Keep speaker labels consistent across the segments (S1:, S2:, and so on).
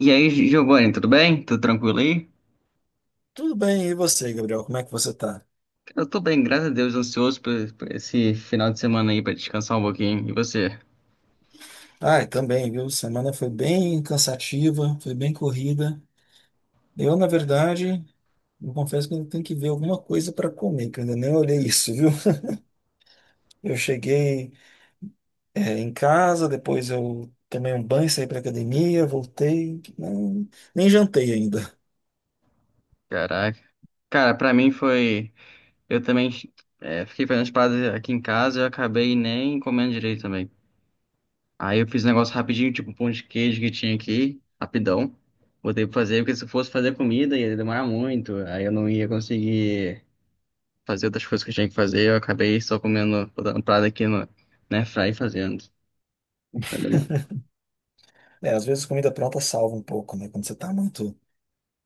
S1: E aí, Giovanni, tudo bem? Tudo tranquilo aí?
S2: Tudo bem, e você, Gabriel? Como é que você tá?
S1: Eu tô bem, graças a Deus, ansioso por esse final de semana aí pra descansar um pouquinho. E você?
S2: Ai, também, viu? Semana foi bem cansativa, foi bem corrida. Eu, na verdade, eu confesso que eu tenho que ver alguma coisa para comer, que eu ainda nem olhei isso, viu? Eu cheguei, em casa, depois eu tomei um banho, saí para academia, voltei, não, nem jantei ainda.
S1: Caraca. Cara, pra mim foi. Eu também fiquei fazendo as paradas aqui em casa e eu acabei nem comendo direito também. Aí eu fiz um negócio rapidinho, tipo um pão de queijo que tinha aqui, rapidão. Botei pra fazer, porque se eu fosse fazer comida ia demorar muito. Aí eu não ia conseguir fazer outras coisas que eu tinha que fazer. Eu acabei só comendo, botando parada aqui no, na airfryer e fazendo. Vai demorar.
S2: É, às vezes comida pronta salva um pouco, né? Quando você tá muito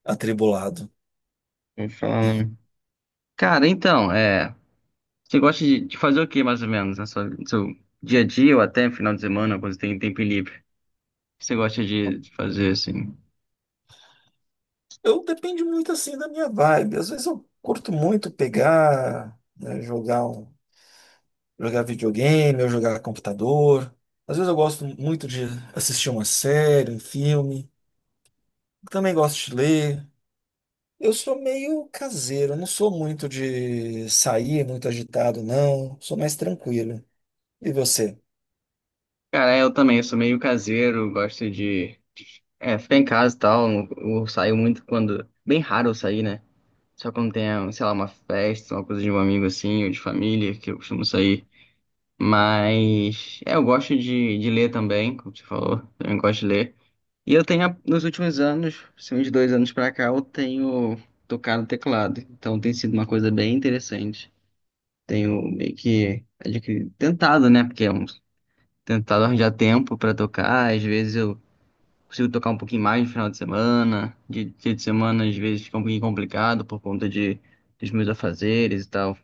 S2: atribulado.
S1: Vou falar. Cara, então, é. Você gosta de fazer o que mais ou menos no seu dia a dia ou até final de semana, quando você tem tempo livre? O que você gosta de fazer assim?
S2: Eu depende muito, assim, da minha vibe. Às vezes eu curto muito pegar, né, jogar um jogar videogame, ou jogar computador. Às vezes eu gosto muito de assistir uma série, um filme. Também gosto de ler. Eu sou meio caseiro, eu não sou muito de sair muito agitado, não. Sou mais tranquilo. E você?
S1: Cara, eu também, eu sou meio caseiro, gosto de ficar em casa e tal. Eu saio muito quando. Bem raro eu sair, né? Só quando tem, sei lá, uma festa, uma coisa de um amigo assim, ou de família, que eu costumo sair. Mas. É, eu gosto de ler também, como você falou, eu gosto de ler. E eu tenho, nos últimos anos, assim, uns dois anos pra cá, eu tenho tocado teclado. Então tem sido uma coisa bem interessante. Tenho meio que adquirido, tentado, né? Tentado arranjar tempo pra tocar. Às vezes eu consigo tocar um pouquinho mais no final de semana. De dia de semana, às vezes fica um pouquinho complicado dos meus afazeres e tal.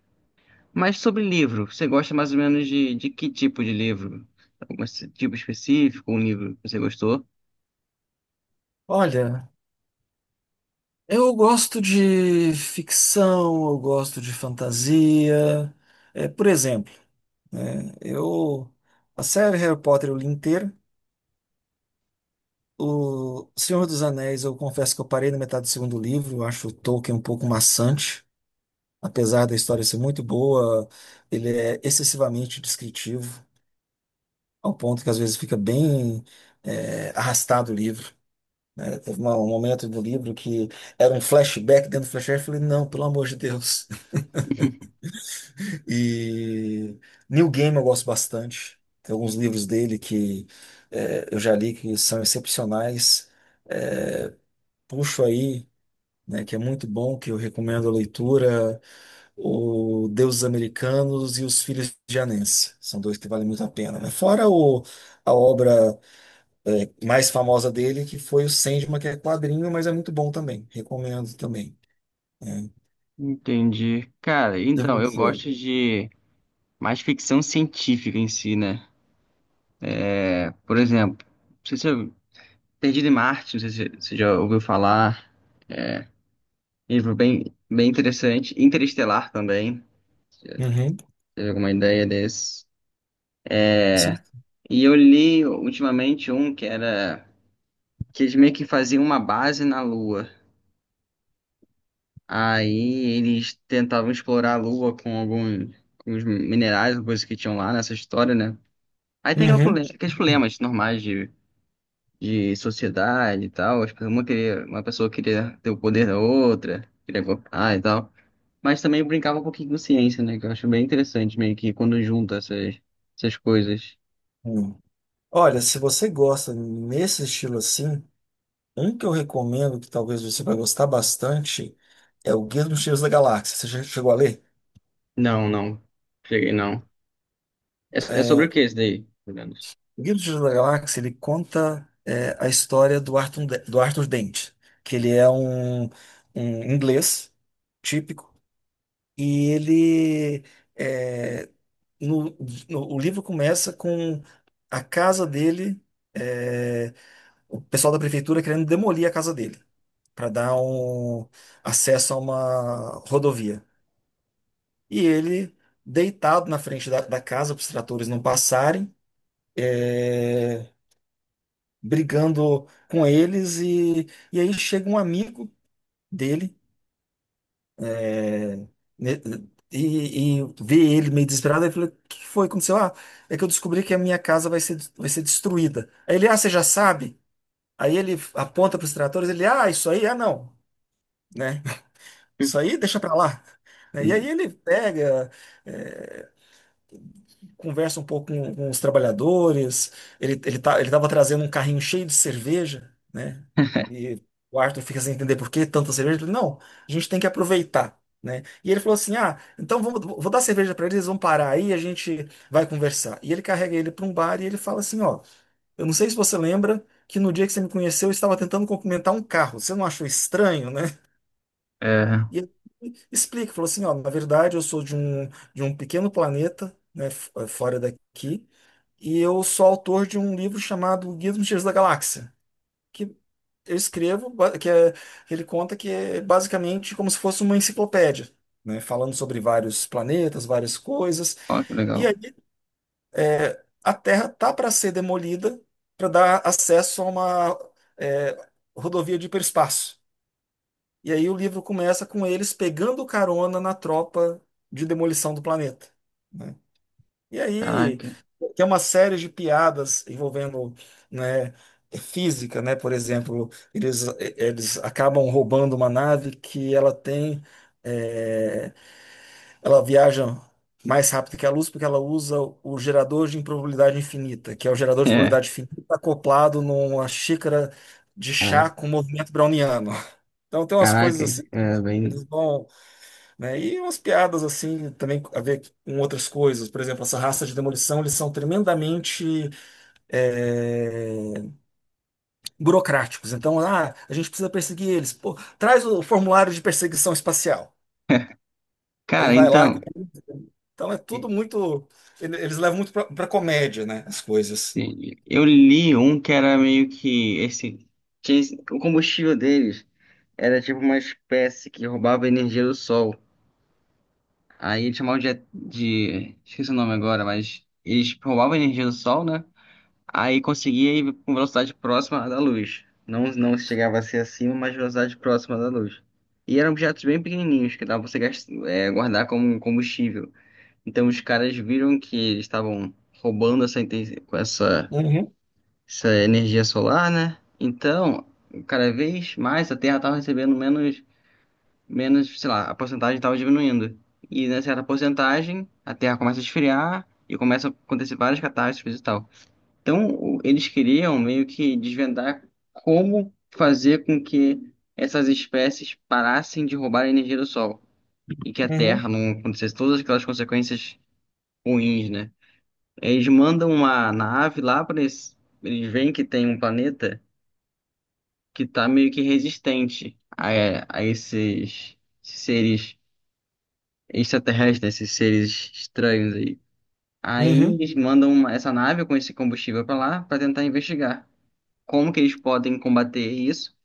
S1: Mas sobre livro, você gosta mais ou menos de que tipo de livro? Algum esse tipo específico, um livro que você gostou?
S2: Olha, eu gosto de ficção, eu gosto de fantasia. Por exemplo, né, eu a série Harry Potter eu li inteira. O Senhor dos Anéis, eu confesso que eu parei na metade do segundo livro, eu acho o Tolkien um pouco maçante, apesar da história ser muito boa, ele é excessivamente descritivo, ao ponto que às vezes fica bem arrastado o livro, né? Um momento do livro que era um flashback dentro do flashback. Eu falei, não, pelo amor de Deus. E Neil Gaiman eu gosto bastante, tem alguns livros dele que eu já li que são excepcionais. Puxo aí, né, que é muito bom, que eu recomendo a leitura, o Deuses Americanos e Os Filhos de Anansi. São dois que valem muito a pena, né? Fora o, a obra mais famosa dele, que foi o Sandman, que é quadrinho, mas é muito bom também. Recomendo também.
S1: Entendi. Cara, então,
S2: Deve
S1: eu
S2: ser.
S1: gosto de mais ficção científica em si, né? É, por exemplo, não sei se eu... Perdido em Marte, não sei se você já ouviu falar. Livro bem interessante. Interestelar também.
S2: Uhum.
S1: Teve alguma ideia desse?
S2: Sim.
S1: E eu li ultimamente um que era... Que eles meio que faziam uma base na Lua. Aí eles tentavam explorar a Lua com algum, com os minerais, coisas que tinham lá nessa história, né? Aí tem
S2: Uhum.
S1: aqueles problemas normais de sociedade e tal. Uma queria, uma pessoa queria ter o poder da outra, queria golpear e tal. Mas também brincava um pouquinho com ciência, né? Que eu acho bem interessante, meio que quando junta essas coisas.
S2: Hum. Olha, se você gosta nesse estilo assim, um que eu recomendo, que talvez você vai gostar bastante, é o Guia dos Mochileiros da Galáxia. Você já chegou a ler?
S1: Não, não. Cheguei, não. É, é sobre o que esse daí, pelo menos?
S2: O Guia do Mochileiro da Galáxia, ele conta a história do Arthur, do Arthur Dent, que ele é um, um inglês típico, e ele é, no, o livro começa com a casa dele, é, o pessoal da prefeitura querendo demolir a casa dele para dar um acesso a uma rodovia. E ele, deitado na frente da, da casa para os tratores não passarem, é, brigando com eles, e aí chega um amigo dele, né, e vê ele meio desesperado e fala, o que foi? Que aconteceu? Ah, é que eu descobri que a minha casa vai ser destruída. Aí ele, ah, você já sabe? Aí ele aponta para os tratores, ele, ah, isso aí, ah, não, né? Isso aí deixa para lá, né? E aí
S1: Hum.
S2: ele pega, é, conversa um pouco com os trabalhadores. Ele tava trazendo um carrinho cheio de cerveja, né? E o Arthur fica sem entender por que tanta cerveja. Ele, não, a gente tem que aproveitar, né? E ele falou assim: Ah, então vamos, vou dar cerveja para eles, eles vão parar aí, a gente vai conversar. E ele carrega ele para um bar e ele fala assim: Ó, eu não sei se você lembra que no dia que você me conheceu, eu estava tentando cumprimentar um carro. Você não achou estranho, né?
S1: É,
S2: E ele explica, falou assim, ó, na verdade eu sou de um pequeno planeta, né, fora daqui, e eu sou autor de um livro chamado Guia dos Mistérios da Galáxia, que eu escrevo, que é, que ele conta que é basicamente como se fosse uma enciclopédia, né, falando sobre vários planetas, várias coisas,
S1: ó, que
S2: e
S1: legal.
S2: aí a Terra tá para ser demolida para dar acesso a uma eh, rodovia de hiperespaço. E aí o livro começa com eles pegando carona na tropa de demolição do planeta, né? E aí
S1: Caraca.
S2: tem uma série de piadas envolvendo, né, é física, né? Por exemplo, eles acabam roubando uma nave que ela tem, é, ela viaja mais rápido que a luz porque ela usa o gerador de improbabilidade infinita, que é o gerador de
S1: É,
S2: probabilidade infinita acoplado numa xícara de chá
S1: caraca.
S2: com movimento browniano. Então tem umas coisas
S1: Caraca,
S2: assim,
S1: é
S2: eles
S1: bem.
S2: vão, né? E umas piadas assim também a ver com outras coisas. Por exemplo, essa raça de demolição, eles são tremendamente é, burocráticos. Então, ah, a gente precisa perseguir eles. Pô, traz o formulário de perseguição espacial. Aí
S1: Cara,
S2: vai lá.
S1: então,
S2: Então é tudo muito. Eles levam muito pra, pra comédia, né? As coisas.
S1: eu li um que era meio que esse. Tinha o combustível deles. Era tipo uma espécie que roubava energia do sol. Aí eles chamavam de... Esqueci o nome agora, mas eles tipo, roubavam energia do sol, né? Aí conseguia ir com velocidade próxima à da luz. Não, não chegava a ser acima, mas velocidade próxima da luz. E eram objetos bem pequenininhos que dava pra você guardar como um combustível. Então os caras viram que eles estavam roubando essa, inten- com essa,
S2: Uhum,
S1: essa energia solar, né? Então, cada vez mais a Terra estava recebendo menos, sei lá, a porcentagem estava diminuindo. E nessa certa porcentagem, a Terra começa a esfriar e começa a acontecer várias catástrofes e tal. Então, eles queriam meio que desvendar como fazer com que essas espécies parassem de roubar a energia do Sol e que a
S2: uhum,
S1: Terra não acontecesse todas aquelas consequências ruins, né? Eles mandam uma nave lá para eles, eles veem que tem um planeta que está meio que resistente a esses seres extraterrestres, esses seres estranhos aí. Aí
S2: uhum.
S1: eles mandam essa nave com esse combustível para lá para tentar investigar como que eles podem combater isso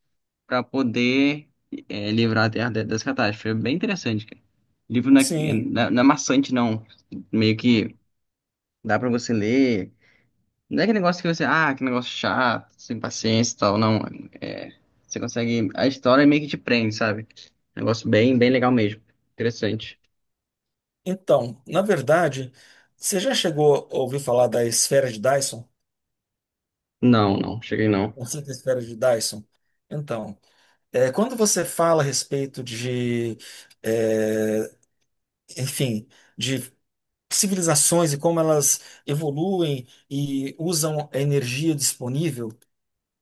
S1: para poder livrar a Terra dessa catástrofe. É bem interessante, cara. O livro
S2: Sim.
S1: não é maçante, não. Meio que dá para você ler. Não é aquele negócio que você, ah, que negócio chato, sem paciência e tal, não. É, você consegue. A história meio que te prende, sabe? Negócio bem legal mesmo. Interessante.
S2: Então, na verdade, você já chegou a ouvir falar da esfera de Dyson?
S1: Não, não, cheguei não.
S2: Conceito de esfera de Dyson. Então, é, quando você fala a respeito de, é, enfim, de civilizações e como elas evoluem e usam a energia disponível,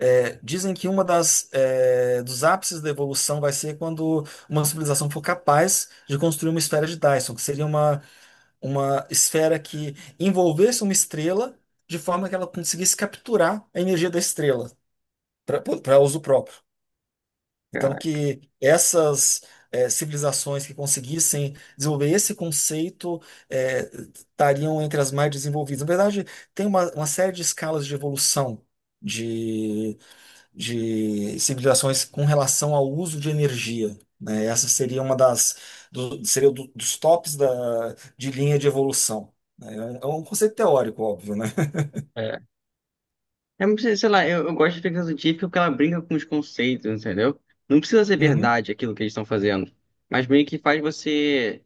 S2: é, dizem que uma das, é, dos ápices da evolução vai ser quando uma civilização for capaz de construir uma esfera de Dyson, que seria uma esfera que envolvesse uma estrela de forma que ela conseguisse capturar a energia da estrela para uso próprio. Então,
S1: Caralho.
S2: que essas civilizações que conseguissem desenvolver esse conceito eh, estariam entre as mais desenvolvidas. Na verdade, tem uma série de escalas de evolução de, de civilizações com relação ao uso de energia, né? Essa seria uma das seria dos tops da, de linha de evolução, né? É um conceito teórico, óbvio, né?
S1: É, não precisa- sei lá, eu gosto de ficção científica porque ela brinca com os conceitos, entendeu? Não precisa ser
S2: Uhum,
S1: verdade aquilo que eles estão fazendo, mas meio que faz você,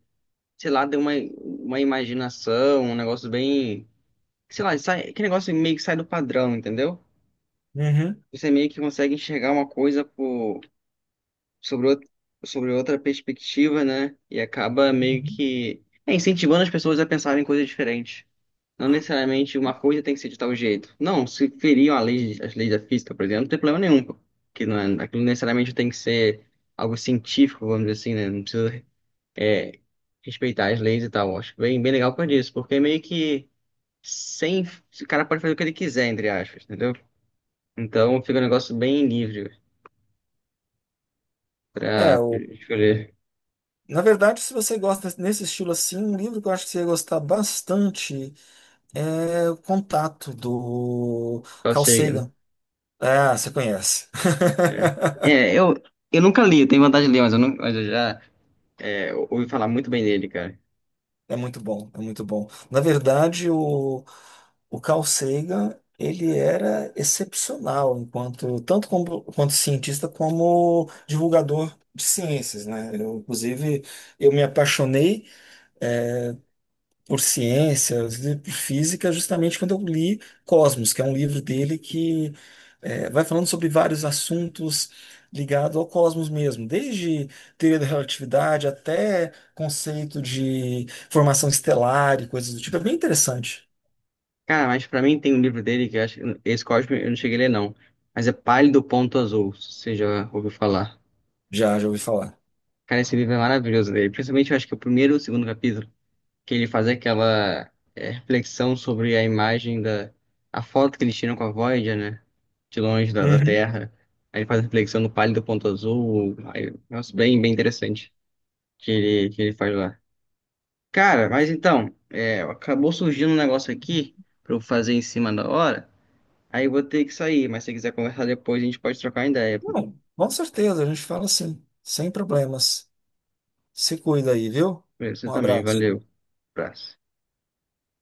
S1: sei lá, ter uma imaginação, um negócio bem, sei lá, sai, aquele negócio meio que sai do padrão, entendeu?
S2: uhum,
S1: Você meio que consegue enxergar uma coisa sobre, outra- sobre outra perspectiva, né? E acaba meio
S2: uhum.
S1: que incentivando as pessoas a pensarem em coisas diferentes. Não necessariamente uma coisa tem que ser de tal jeito. Não, se feriam as leis da física, por exemplo, não tem problema nenhum, pô. Que não é, aquilo necessariamente tem que ser algo científico, vamos dizer assim, né? Não precisa é, respeitar as leis e tal. Eu acho bem legal por isso, porque é meio que sem. O cara pode fazer o que ele quiser, entre aspas, entendeu? Então fica um negócio bem livre
S2: É,
S1: pra escolher
S2: na verdade, se você gosta nesse estilo assim, um livro que eu acho que você ia gostar bastante é O Contato, do
S1: qual
S2: Carl
S1: signo.
S2: Sagan. Ah, você conhece.
S1: É. É, eu nunca li, eu tenho vontade de ler, mas eu, não, mas eu já ouvi falar muito bem dele, cara.
S2: É muito bom, é muito bom. Na verdade, o Carl Sagan, ele era excepcional enquanto tanto como, quanto cientista como divulgador de ciências, né? Eu, inclusive, eu me apaixonei por ciências e por física, justamente quando eu li Cosmos, que é um livro dele que vai falando sobre vários assuntos ligados ao cosmos mesmo, desde teoria da relatividade até conceito de formação estelar e coisas do tipo. É bem interessante.
S1: Cara, mas pra mim tem um livro dele que eu acho esse Cosme eu não cheguei a ler, não. Mas é Pálido Ponto Azul, se você já ouviu falar.
S2: Já, já ouvi falar.
S1: Cara, esse livro é maravilhoso dele. Principalmente eu acho que o primeiro e o segundo capítulo, que ele faz aquela reflexão sobre a imagem da... A foto que eles tiram com a Voyager, né? De longe da
S2: Uhum.
S1: Terra. Aí ele faz a reflexão no Pálido Ponto Azul. Aí, nossa, bem interessante que ele faz lá. Cara, mas então, é, acabou surgindo um negócio aqui pra eu fazer em cima da hora. Aí eu vou ter que sair, mas se quiser conversar depois, a gente pode trocar ideia.
S2: Não, com certeza, a gente fala assim, sem problemas. Se cuida aí, viu?
S1: Pra você
S2: Um
S1: também,
S2: abraço.
S1: valeu. Abraço.